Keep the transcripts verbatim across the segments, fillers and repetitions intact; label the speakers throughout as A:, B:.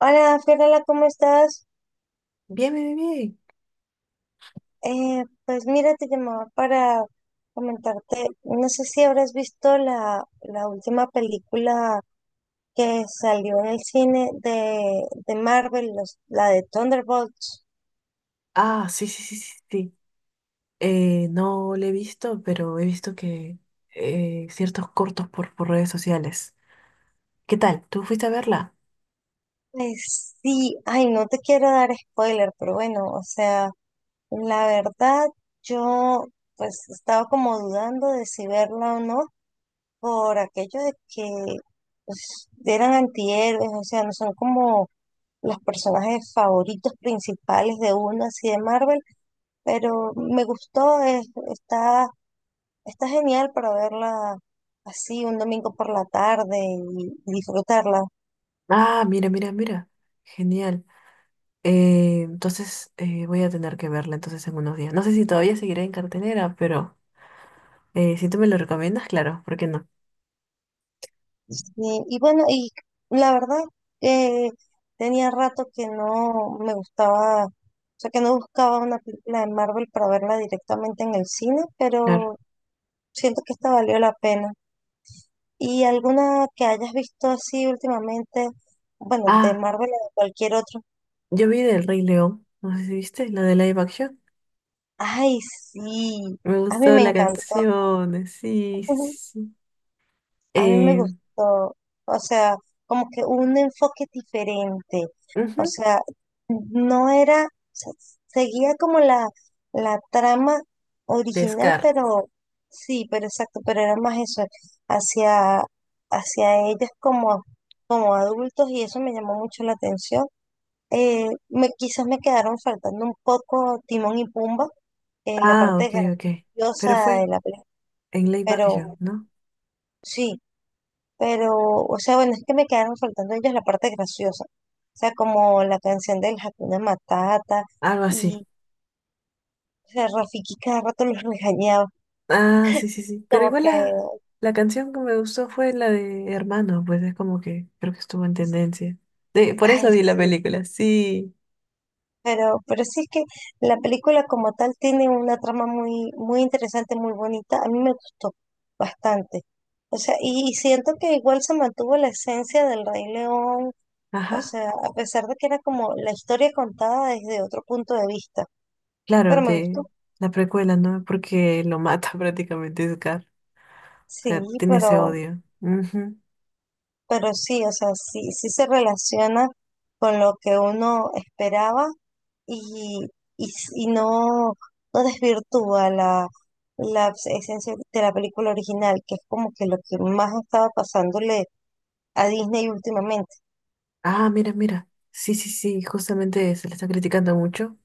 A: Hola, Fiorella, ¿cómo estás?
B: Bien, bien, bien, bien.
A: Eh, pues mira, te llamaba para comentarte, no sé si habrás visto la, la última película que salió en el cine de, de Marvel, los- la de Thunderbolts.
B: Ah, sí, sí, sí, sí, sí. Eh, no le he visto, pero he visto que eh, ciertos cortos por, por redes sociales. ¿Qué tal? ¿Tú fuiste a verla?
A: Pues sí, ay, no te quiero dar spoiler, pero bueno, o sea, la verdad, yo pues estaba como dudando de si verla o no por aquello de que pues, eran antihéroes, o sea, no son como los personajes favoritos principales de una así de Marvel, pero me gustó, es- está, está genial para verla así un domingo por la tarde y, y disfrutarla.
B: Ah, mira, mira, mira. Genial. Eh, entonces eh, voy a tener que verla entonces en unos días. No sé si todavía seguiré en cartelera, pero eh, si tú me lo recomiendas, claro, ¿por qué no?
A: Y, y bueno, y la verdad que tenía rato que no me gustaba, o sea, que no buscaba una película de Marvel para verla directamente en el cine,
B: Claro.
A: pero siento que esta valió la pena. ¿Y alguna que hayas visto así últimamente? Bueno, de
B: Ah,
A: Marvel o de cualquier otro.
B: yo vi del Rey León. No sé si viste, la de live action.
A: Ay, sí,
B: Me
A: a mí
B: gustó
A: me
B: la
A: encantó,
B: canción. Sí, sí, sí, sí.
A: a mí me
B: Eh,
A: gustó, o sea, como que un enfoque diferente,
B: ujú.
A: o sea, no era, o sea, seguía como la, la trama
B: De
A: original,
B: Scar.
A: pero sí, pero exacto, pero era más eso, hacia, hacia ellas como, como adultos y eso me llamó mucho la atención. Eh, me, quizás me quedaron faltando un poco Timón y Pumba en la
B: Ah,
A: parte
B: ok, ok. Pero
A: graciosa de
B: fue
A: la película,
B: en Live Action,
A: pero
B: ¿no?
A: sí, pero, o sea, bueno, es que me quedaron faltando ellos la parte graciosa, o sea, como la canción del Hakuna Matata
B: Algo así.
A: y o sea, Rafiki cada rato los regañaba,
B: Ah, sí, sí, sí. Pero
A: como
B: igual
A: que,
B: la, la canción que me gustó fue la de Hermano, pues es como que creo que estuvo en tendencia. De, por
A: ay,
B: eso vi la
A: sí,
B: película, sí.
A: Pero, pero sí es que la película como tal tiene una trama muy, muy interesante, muy bonita. A mí me gustó bastante. O sea, y, y siento que igual se mantuvo la esencia del Rey León. O
B: Ajá.
A: sea, a pesar de que era como la historia contada desde otro punto de vista.
B: Claro,
A: Pero me gustó.
B: de la precuela, ¿no? Porque lo mata prácticamente Scar. O
A: Sí,
B: sea, tiene ese
A: pero,
B: odio. Ujú.
A: pero sí, o sea, sí, sí se relaciona con lo que uno esperaba y, y, s- y no, no desvirtúa la, la esencia de la película original, que es como que lo que más estaba pasándole a Disney últimamente.
B: Ah, mira, mira. Sí, sí, sí. Justamente se le está criticando mucho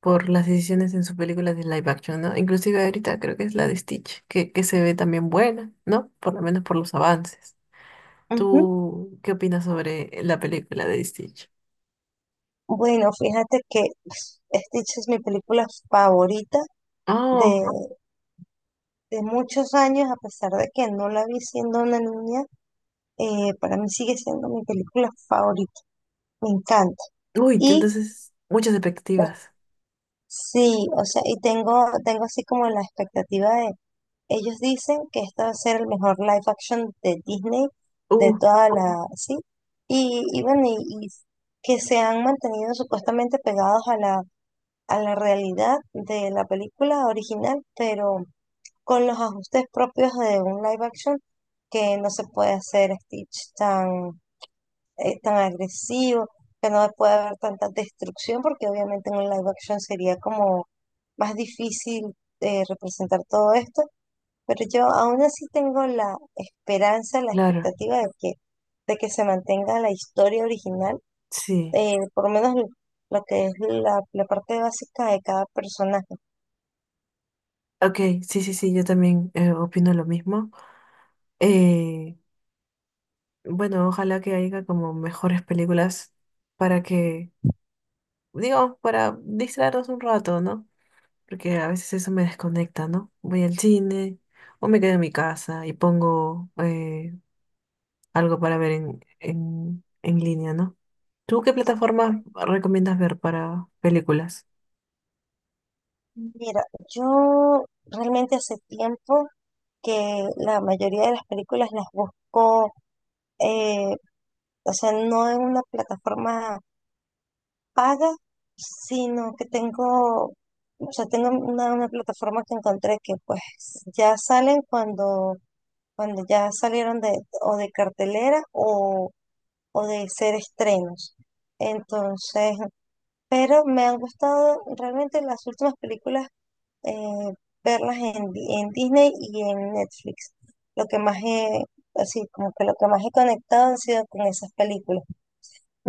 B: por las decisiones en sus películas de live action, ¿no? Inclusive ahorita creo que es la de Stitch, que, que se ve también buena, ¿no? Por lo menos por los avances.
A: Ujú.
B: ¿Tú qué opinas sobre la película de Stitch?
A: Bueno, fíjate que pues, Stitch es mi película favorita de,
B: Oh,
A: de muchos años, a pesar de que no la vi siendo una niña, eh, para mí sigue siendo mi película favorita, me encanta.
B: uy, te-
A: Y
B: entonces muchas
A: eh,
B: expectativas.
A: sí, o sea, y tengo, tengo así como la expectativa. Ellos dicen que este va a ser el mejor live action de Disney de
B: Uh,
A: toda la, sí. Y, y bueno, y, y que se han mantenido supuestamente pegados a la, a la realidad de la película original, pero con los ajustes propios de un live action, que no se puede hacer Stitch tan, eh, tan agresivo, que no puede haber tanta destrucción, porque obviamente en un live action sería como más difícil eh, representar todo esto, pero yo aún así tengo la esperanza, la
B: claro,
A: expectativa de que, de que se mantenga la historia original,
B: sí.
A: eh, por lo menos lo lo que es la, la parte básica de cada personaje.
B: Ok, sí, sí, sí, yo también eh, opino lo mismo. Eh, bueno, ojalá que haya como mejores películas para que, digo, para distraernos un rato, ¿no? Porque a veces eso me desconecta, ¿no? Voy al cine o me quedo en mi casa y pongo eh, algo para ver en, en, en línea, ¿no? ¿Tú qué plataforma recomiendas ver para películas?
A: Mira, yo realmente hace tiempo que la mayoría de las películas las busco, eh, o sea, no en una plataforma paga, sino que tengo, o sea, tengo una, una plataforma que encontré que pues ya salen cuando cuando ya salieron de, o de cartelera o, o de ser estrenos. Entonces, pero me han gustado realmente las últimas películas, eh, verlas en, Di- en Disney y en Netflix. Lo que más he, así como que lo que más he conectado han sido con esas películas.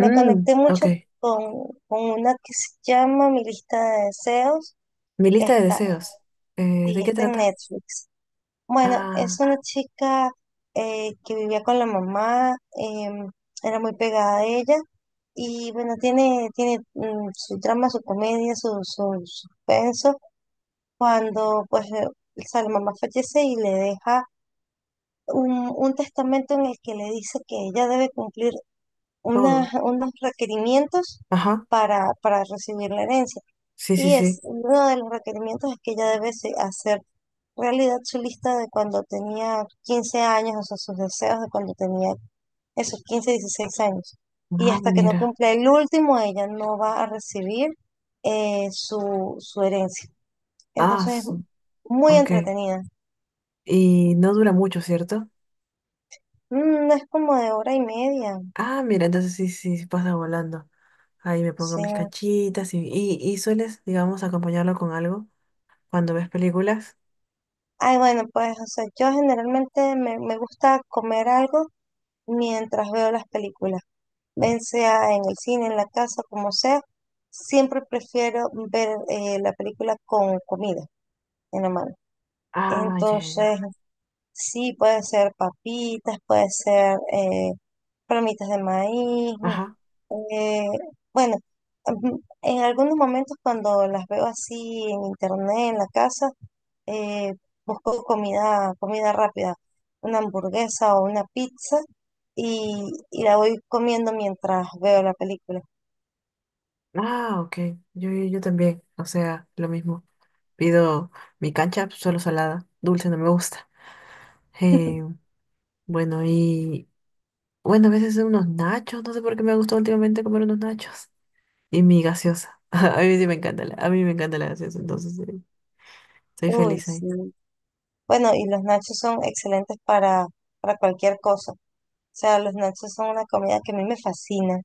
A: Me conecté
B: ok.
A: mucho con, con una que se llama Mi lista de deseos,
B: Mi
A: que
B: lista de
A: está,
B: deseos. Eh, ¿de
A: y
B: qué
A: está en
B: trata?
A: Netflix. Bueno, es
B: Ah,
A: una chica eh, que vivía con la mamá, em, era muy pegada a ella y bueno, tiene, tiene mm, su drama, su comedia, su, su suspenso. Cuando pues eh, o sea, la mamá fallece y le deja un, un testamento en el que le dice que ella debe cumplir
B: todo.
A: unas- unos requerimientos
B: Ajá.
A: para, para recibir la herencia.
B: Sí, sí,
A: Y
B: sí.
A: es uno de los requerimientos es que ella debe se- hacer realidad su lista de cuando tenía quince años, o sea, sus deseos de cuando tenía esos quince dieciséis años. Y
B: Ah,
A: hasta que no
B: mira.
A: cumpla el último, ella no va a recibir eh, su, su herencia.
B: Ah,
A: Entonces es
B: su-
A: muy
B: ok.
A: entretenida.
B: Y no dura mucho, ¿cierto?
A: Mm, no es como de hora y media.
B: Ah, mira, entonces sí, sí, sí pasa volando. Ahí me pongo
A: Sí,
B: mis cachitas y, y, y sueles, digamos, acompañarlo con algo cuando ves películas.
A: ay, bueno, pues, o sea, yo generalmente me, me gusta comer algo mientras veo las películas. Bien sea en el cine, en la casa, como sea, siempre prefiero ver eh, la película con comida en la mano.
B: Ah, ya, ya, ya.
A: Entonces, sí, puede ser papitas, puede ser eh, palomitas de maíz.
B: Ajá.
A: eh, bueno, mm, en algunos momentos cuando las veo así en internet, en la casa, eh, busco comida, comida rápida, una hamburguesa o una pizza y, y la voy comiendo mientras veo la película.
B: Ah, ok. Yo, yo, yo también. O sea, lo mismo. Pido mi cancha solo salada. Dulce no me gusta. Eh, bueno, y bueno, a veces unos nachos. No sé por qué me ha gustado últimamente comer unos nachos. Y mi gaseosa. A mí sí me encanta la, a mí me encanta la gaseosa, entonces eh, soy
A: Uy,
B: feliz ahí.
A: sí. Bueno, y los nachos son excelentes para, para cualquier cosa. O sea, los nachos son una comida que a mí me fascina.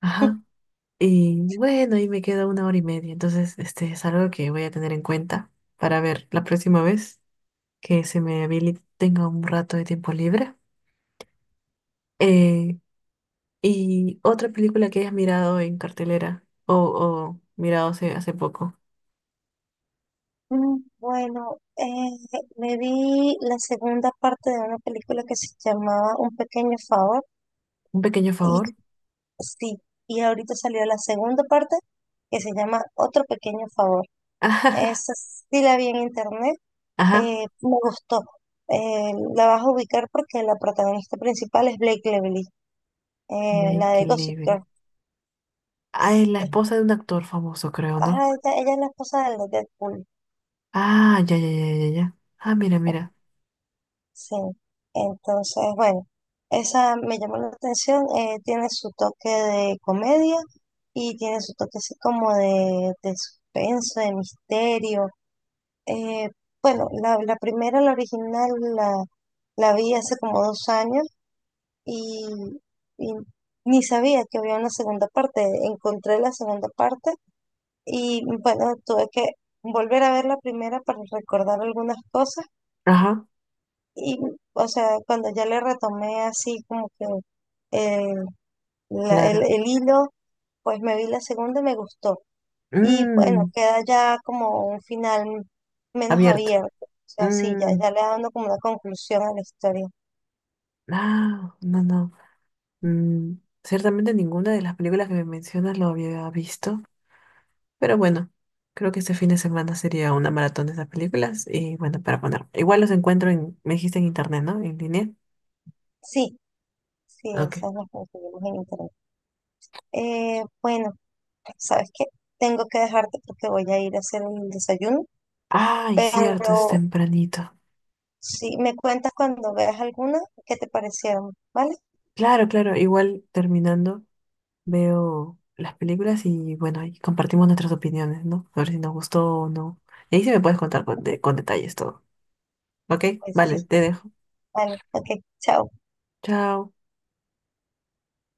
B: Ajá. Y bueno, ahí me queda una hora y media. Entonces, este es algo que voy a tener en cuenta para ver la próxima vez que se me habilite, tenga un rato de tiempo libre. Eh, y otra película que hayas mirado en cartelera o, o mirado hace, hace poco.
A: Mm, bueno, eh, me vi la segunda parte de una película que se llamaba Un pequeño favor
B: Un pequeño
A: y
B: favor.
A: sí, y ahorita salió la segunda parte que se llama Otro pequeño favor. Esa sí la vi en internet,
B: Ajá.
A: eh, me gustó. Eh, la vas a ubicar porque la protagonista principal es Blake Lively, eh, la de
B: Lake
A: Gossip
B: Level.
A: Girl.
B: Ah, es la esposa de un actor famoso, creo, ¿no?
A: Ajá, ella, ella es la esposa del de Deadpool.
B: Ah, ya, ya, ya, ya, ya. Ah, mira,
A: Pues,
B: mira.
A: sí. Entonces, bueno, esa me llamó la atención. Eh, tiene su toque de comedia y tiene su toque así como de, de suspenso, de misterio. Eh, bueno, la, la primera, la original, la, la vi hace como dos años y, y ni sabía que había una segunda parte. Encontré la segunda parte. Y bueno, tuve que volver a ver la primera para recordar algunas cosas.
B: Ajá,
A: Y, o sea, cuando ya le retomé así como que eh, la- el,
B: claro.
A: el hilo, pues me vi la segunda y me gustó. Y bueno,
B: Mmm,
A: queda ya como un final menos
B: abierto.
A: abierto. O sea, sí, ya,
B: Mmm,
A: ya le dando como una conclusión a la historia.
B: no, no, no. Mm, ciertamente ninguna de las películas que me mencionas lo había visto, pero bueno, creo que este fin de semana sería una maratón de esas películas y bueno, para poner. Igual los encuentro en, me dijiste en internet, ¿no? En línea.
A: Sí, sí,
B: Ah, ok.
A: esas las conseguimos en internet. Eh, bueno, ¿sabes qué? Tengo que dejarte porque voy a ir a hacer el desayuno,
B: Ay, cierto, es
A: pero
B: tempranito.
A: sí, me cuentas cuando veas alguna que te parecieron, ¿vale?
B: Claro, claro, igual terminando veo las películas y bueno, ahí compartimos nuestras opiniones, ¿no? A ver si nos gustó o no. Y ahí sí me puedes contar con, de- con detalles todo. Ok,
A: Pues sí,
B: vale, te dejo.
A: vale, ok, chao.
B: Chao.